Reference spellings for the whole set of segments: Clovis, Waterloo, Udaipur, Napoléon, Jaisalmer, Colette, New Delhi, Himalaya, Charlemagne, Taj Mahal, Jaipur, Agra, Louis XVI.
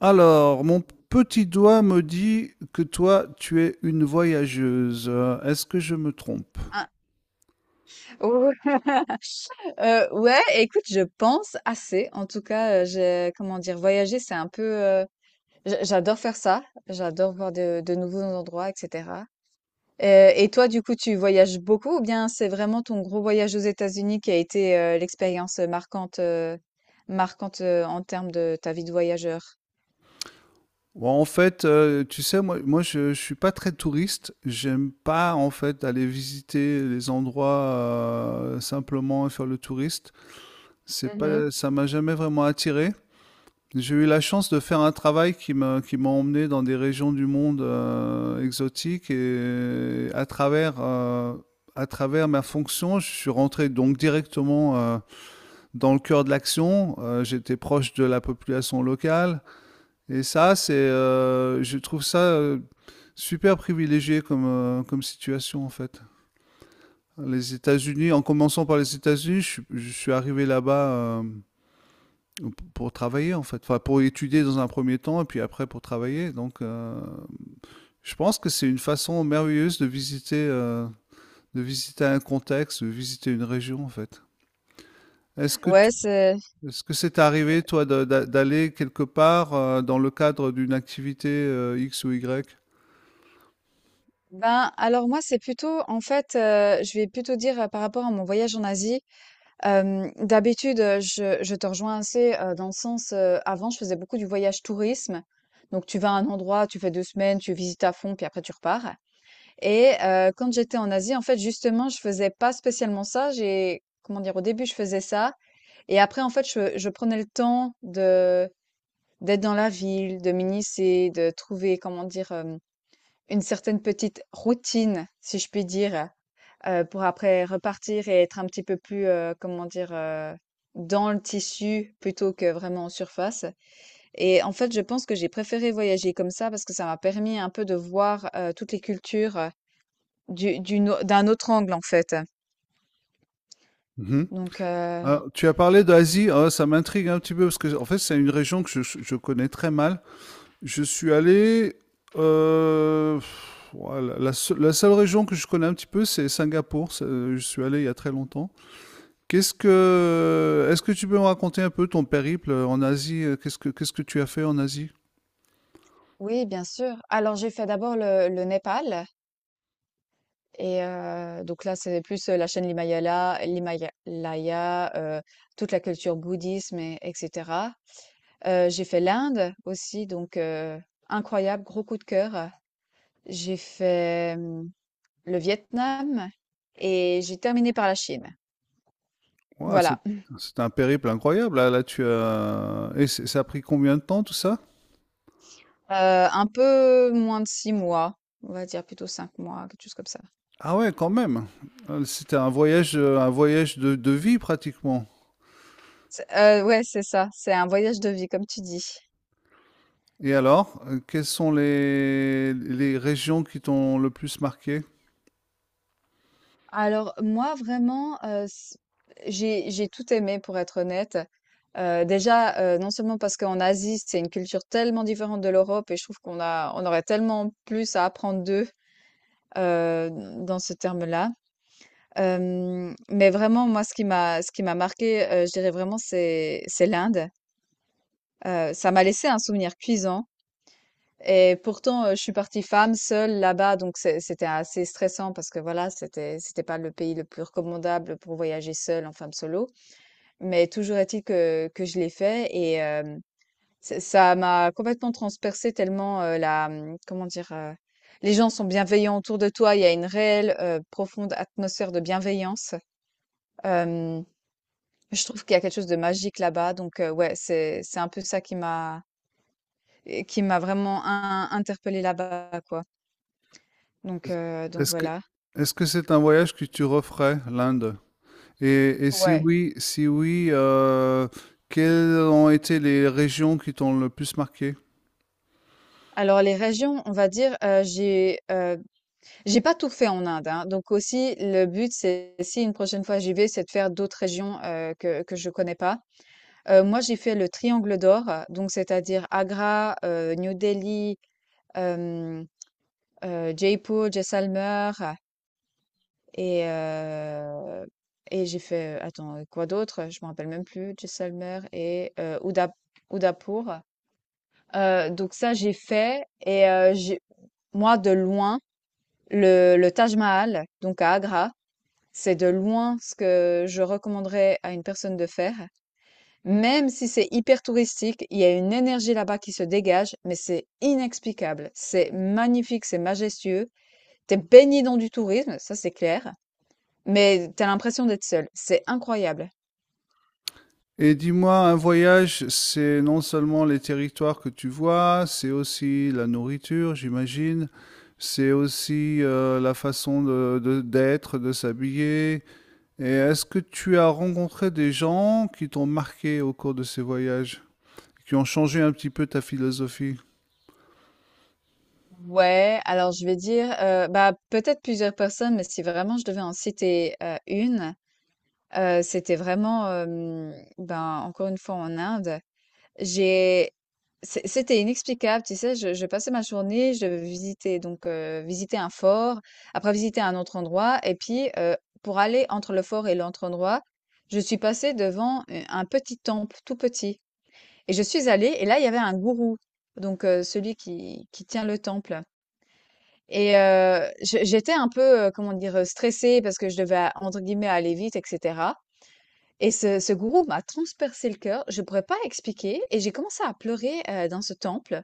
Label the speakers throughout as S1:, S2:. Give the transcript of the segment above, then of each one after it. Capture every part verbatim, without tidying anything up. S1: Alors, mon petit doigt me dit que toi, tu es une voyageuse. Euh, Est-ce que je me trompe?
S2: Ah, oh, heu, ouais, écoute, je pense assez. En tout cas, heu, j'ai comment dire? Voyager, c'est un peu, heu, j'a j'adore faire ça. J'adore voir de de nouveaux endroits, et cetera. Heu, et toi, du coup, tu voyages beaucoup ou bien c'est vraiment ton gros voyage aux États-Unis qui a été, heu, l'expérience marquante, heu, marquante, heu, en termes de ta vie de voyageur?
S1: Ouais, en fait, euh, tu sais, moi, moi je, je suis pas très touriste. J'aime pas, en fait, aller visiter les endroits euh, simplement et faire le touriste. C'est
S2: Mmh.
S1: pas, ça m'a jamais vraiment attiré. J'ai eu la chance de faire un travail qui m'a qui m'a emmené dans des régions du monde euh, exotiques et à travers euh, à travers ma fonction. Je suis rentré donc directement euh, dans le cœur de l'action. Euh, J'étais proche de la population locale, et ça, c'est euh, je trouve ça euh, super privilégié comme euh, comme situation en fait. Les États-Unis, en commençant par les États-Unis, je, suis- je suis arrivé là-bas euh, pour travailler en fait, enfin pour étudier dans un premier temps et puis après pour travailler. Donc, euh, je pense que c'est une façon merveilleuse de visiter, euh, de visiter un contexte, de visiter une région en fait. Est-ce que tu-
S2: Ouais, c'est
S1: Est-ce que c'est arrivé toi de- d'a- d'aller quelque part euh, dans le cadre d'une activité euh, X ou Y?
S2: ben, alors moi, c'est plutôt en fait, heu, je vais plutôt dire, heu, par rapport à mon voyage en Asie. Hem, d'habitude, heu, je je te rejoins assez, heu, dans le sens, heu, avant, je faisais beaucoup du voyage tourisme. Donc tu vas à un endroit, tu fais deux semaines, tu visites à fond, puis après tu repars. Et heu, quand j'étais en Asie, en fait, justement, je faisais pas spécialement ça. J'ai comment dire? Au début, je faisais ça et après, en fait, je je prenais le temps de d'être dans la ville, de m'initier, de trouver, comment dire? Hem, une certaine petite routine, si je puis dire. Heu, pour après repartir et être un petit peu plus, heu, comment dire? Heu, dans le tissu plutôt que vraiment en surface. Et en fait, je pense que j'ai préféré voyager comme ça parce que ça m'a permis un peu de voir, heu, toutes les cultures, heu, du d'une au d'un autre angle, en fait.
S1: Mhm.
S2: Donc heu,
S1: Ah, tu as parlé d'Asie, ah, ça m'intrigue un petit peu parce que en fait c'est une région que je, je connais très mal. Je suis allé euh, pff, ouais, la, la seule la seule région que je connais un petit peu, c'est Singapour. C'est- euh, Je suis allé il y a très longtemps. Qu'est-ce que, est-ce que tu peux me raconter un peu ton périple en Asie? Qu'est-ce que, qu'est-ce que tu as fait en Asie?
S2: oui, bien sûr. Alors, j'ai fait d'abord le le Népal et heu, donc là, c'est plus, heu, la chaîne l'Himalaya l'Himalaya, heu, toute la culture bouddhisme et et Heu, j'ai fait l'Inde aussi, donc heu, incroyable, gros coup de cœur. J'ai fait, mmh, le Vietnam et j'ai terminé par la Chine.
S1: Ouais, c'est
S2: Voilà, heu,
S1: c'est un périple incroyable. Là, là, tu as. Et c'est- ça a pris combien de temps tout ça?
S2: un peu moins de six mois, on va dire plutôt cinq mois, quelque chose comme ça.
S1: Ah ouais, quand même. Euh, C'était un voyage, euh, un voyage de, de vie pratiquement.
S2: C'est heu, ouais, c'est ça, c'est un voyage de vie comme tu dis.
S1: Et alors, euh, quelles sont les, les régions qui t'ont le plus marqué?
S2: Alors moi vraiment, heu, c j'ai j'ai tout aimé pour être honnête. Heu, déjà, heu, non seulement parce qu'en Asie, c'est une culture tellement différente de l'Europe et je trouve qu'on a on aurait tellement plus à apprendre d'eux, heu, dans ce terme-là. Hem, mais vraiment moi ce qui m'a ce qui m'a marqué, heu, je dirais vraiment c'est c'est l'Inde. Heu, ça m'a laissé un souvenir cuisant. Et pourtant, heu, je suis partie femme seule là-bas, donc c'est c'était assez stressant parce que voilà, c'était c'était pas le pays le plus recommandable pour voyager seule en femme solo. Mais toujours est-il que que je l'ai fait. et hem C'est- Ça m'a complètement transpercée tellement euh, la, hum, comment dire, euh, les gens sont bienveillants autour de toi. Il y a une réelle, euh, profonde atmosphère de bienveillance. Euh, je trouve qu'il y a quelque chose de magique là-bas. Donc euh, ouais, c'est c'est un peu ça qui m'a et qui m'a vraiment in- interpellée là-bas, quoi. Donc
S1: Est-ce
S2: euh, donc
S1: est-ce que
S2: voilà.
S1: est-ce que c'est un voyage que tu referais, l'Inde? Et, et si
S2: Ouais.
S1: oui, si oui, euh, quelles ont été les régions qui t'ont le plus marqué?
S2: Alors les régions, on va dire, euh, j'ai euh, j'ai pas tout fait en Inde, hein. Donc aussi le but, c'est si une prochaine fois j'y vais, c'est de faire d'autres régions euh, que que je connais pas. Heu, moi, j'ai fait le triangle d'or, donc c'est-à-dire Agra, heu, New Delhi, hem, heu, Jaipur, Jaisalmer et heu et j'ai fait, heu, attends, quoi d'autre? Je me rappelle même plus. Jaisalmer et heu, Uda Udaipur. Heu, donc ça, j'ai fait. Et heu, j'ai moi, de loin, le le Taj Mahal, donc à Agra, c'est de loin ce que je recommanderais à une personne de faire. Même si c'est hyper touristique, il y a une énergie là-bas qui se dégage, mais c'est inexplicable. C'est magnifique, c'est majestueux. T'es baigné dans du tourisme, ça c'est clair, mais t'as l'impression d'être seul. C'est incroyable.
S1: Et dis-moi, un voyage, c'est non seulement les territoires que tu vois, c'est aussi la nourriture, j'imagine, c'est aussi euh, la façon de, de- d'être, de s'habiller. Et est-ce que tu as rencontré des gens qui t'ont marqué au cours de ces voyages, qui ont changé un petit peu ta philosophie?
S2: Ouais, alors je vais dire, euh, bah peut-être plusieurs personnes, mais si vraiment je devais en citer euh, une, Heu, c'était vraiment, hem, ben, encore une fois en Inde. J'ai c'é c'était inexplicable, tu sais? Je je passais ma journée, je devais visiter donc heu, visiter un fort, après visiter un autre endroit et puis, heu, pour aller entre le fort et l'autre endroit, je suis passée devant u un petit temple, tout petit. Et je suis allée, et là, il y avait un gourou, donc heu, celui qui qui tient le temple. Et heu, je j'étais un peu, heu, comment dire? Stressée parce que je devais, entre guillemets, «aller vite», et cetera. Et ce ce gourou m'a transpercé le cœur, je ne pourrais pas expliquer, et j'ai commencé à pleurer, heu, dans ce temple.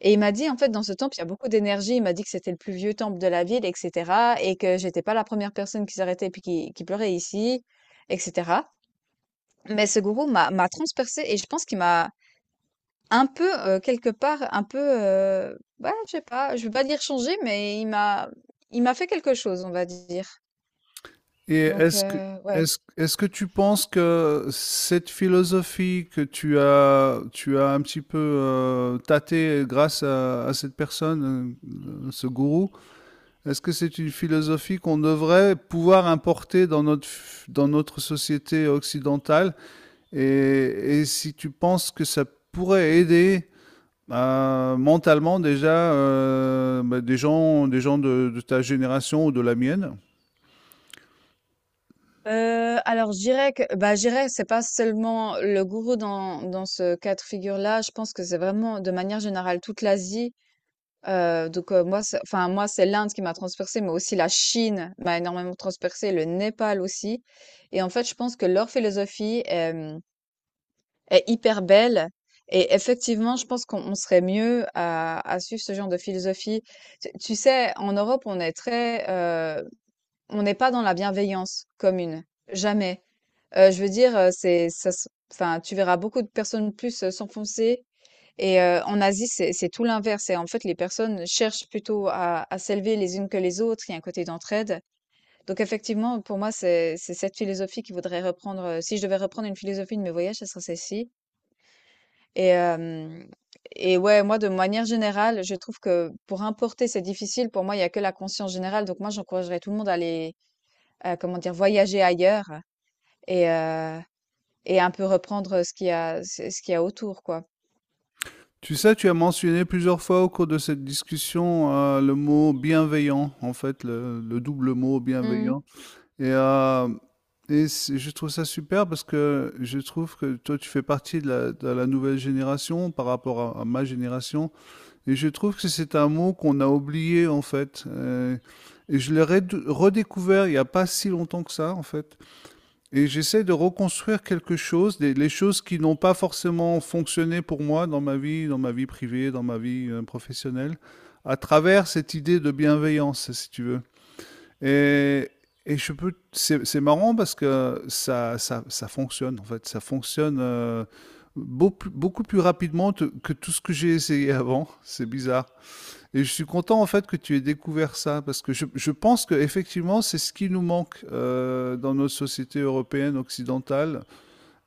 S2: Et il m'a dit, en fait, dans ce temple, il y a beaucoup d'énergie. Il m'a dit que c'était le plus vieux temple de la ville, et cetera, et que j'étais pas la première personne qui s'arrêtait et puis qui qui pleurait ici, et cetera. Mais ce gourou m'a m'a transpercé et je pense qu'il m'a un peu, heu, quelque part, un peu, heu, ouais, je sais pas, je veux pas dire changée, mais il m'a il m'a fait quelque chose, on va dire.
S1: Et
S2: Donc
S1: est-ce que,
S2: heu, ouais.
S1: est-ce, est-ce que tu penses que cette philosophie que tu as, tu as un petit peu euh, tâtée grâce à, à cette personne, euh, ce gourou, est-ce que c'est une philosophie qu'on devrait pouvoir importer dans notre, f- dans notre société occidentale? Et, et si tu penses que ça pourrait aider euh, mentalement déjà euh, bah, des gens, des gens de, de ta génération ou de la mienne?
S2: Heu, alors je dirais que bah, je dirais que c'est pas seulement le gourou dans dans ce cas de figure-là. Je pense que c'est vraiment de manière générale toute l'Asie. Heu, donc heu, moi c'est, enfin moi c'est l'Inde qui m'a transpercée, mais aussi la Chine m'a énormément transpercée, le Népal aussi. Et en fait, je pense que leur philosophie, hem, est hyper belle. Et effectivement, je pense qu'on on serait mieux à à suivre ce genre de philosophie. Tu tu sais, en Europe, on est très, heu, on n'est pas dans la bienveillance commune, jamais. Heu, je veux dire, heu, c'est ça se enfin, tu verras beaucoup de personnes plus, heu, s'enfoncer. Et heu, en Asie, c'est c'est tout l'inverse, et en fait, les personnes cherchent plutôt à à s'élever les unes que les autres. Il y a un côté d'entraide. Donc effectivement, pour moi, c'est c'est cette philosophie qu'il faudrait reprendre, heu, si je devais reprendre une philosophie de mes voyages, ça serait celle-ci. Et hem et ouais, moi, de manière générale, je trouve que pour importer, c'est difficile. Pour moi, il y a que la conscience générale. Donc moi, j'encouragerais tout le monde à aller, heu, comment dire? Voyager ailleurs et et un peu reprendre ce qu'il y a ce ce qu'il y a autour, quoi.
S1: Tu sais, tu as mentionné plusieurs fois au cours de cette discussion euh, le mot bienveillant, en fait, le, le double mot
S2: Mmh.
S1: bienveillant. Et, euh, et c'est- je trouve ça super parce que je trouve que toi, tu fais partie de la, de la nouvelle génération par rapport à, à ma génération. Et je trouve que c'est un mot qu'on a oublié, en fait. Euh, et je l'ai redou- redécouvert il n'y a pas si longtemps que ça, en fait. Et j'essaie de reconstruire quelque chose, des- les choses qui n'ont pas forcément fonctionné pour moi dans ma vie, dans ma vie privée, dans ma vie euh, professionnelle, à travers cette idée de bienveillance, si tu veux. Et, et je peux, c'est c'est marrant parce que ça, ça, ça fonctionne, en fait. Ça fonctionne euh, beau- beaucoup plus rapidement te- que tout ce que j'ai essayé avant. C'est bizarre. Et je suis content en fait que tu aies découvert ça parce que je, je pense que effectivement c'est ce qui nous manque euh, dans notre société européenne occidentale,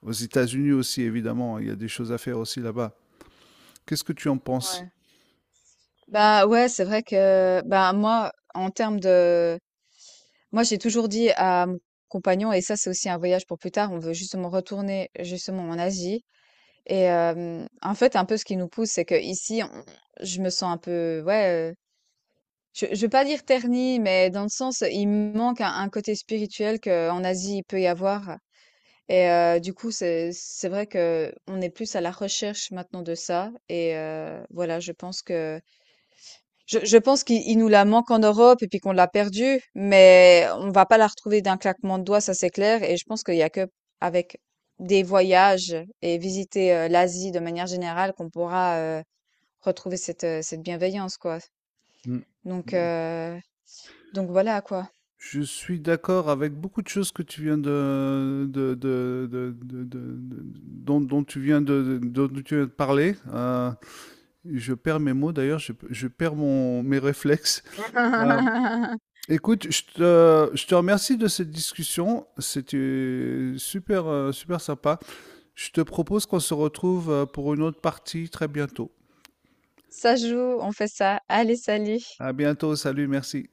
S1: aux États-Unis aussi évidemment, hein, il y a des choses à faire aussi là-bas. Qu'est-ce que tu en penses?
S2: Ouais. Bah, ouais, c'est vrai que, bah, moi, en termes de moi, j'ai toujours dit à mon compagnon, et ça, c'est aussi un voyage pour plus tard, on veut justement retourner, justement, en Asie. Et hem, en fait, un peu ce qui nous pousse, c'est qu'ici, on je me sens un peu, ouais, heu, je je veux pas dire ternie, mais dans le sens, il me manque un un côté spirituel qu'en Asie, il peut y avoir. Et euh, du coup, c'est c'est vrai que on est plus à la recherche maintenant de ça. Et euh, voilà, je pense que je, je pense qu'il il nous la manque en Europe et puis qu'on l'a perdue, mais on va pas la retrouver d'un claquement de doigts, ça c'est clair. Et je pense qu'il y a que avec des voyages et visiter euh, l'Asie de manière générale qu'on pourra euh, retrouver cette euh, cette bienveillance, quoi.
S1: Mm.
S2: Donc euh, donc voilà quoi.
S1: Je suis d'accord avec beaucoup de choses que tu viens de, de- de- de- de- de- de- dont, dont tu viens de, de- dont tu viens de parler. Euh, je perds mes mots d'ailleurs, je, je perds mon, mes réflexes. Écoute, je te, je te remercie de cette discussion. C'était super, euh, super sympa. Je te propose qu'on se retrouve euh, pour une autre partie très bientôt.
S2: Ça joue, on fait ça. Allez, salut.
S1: À bientôt. Salut, merci.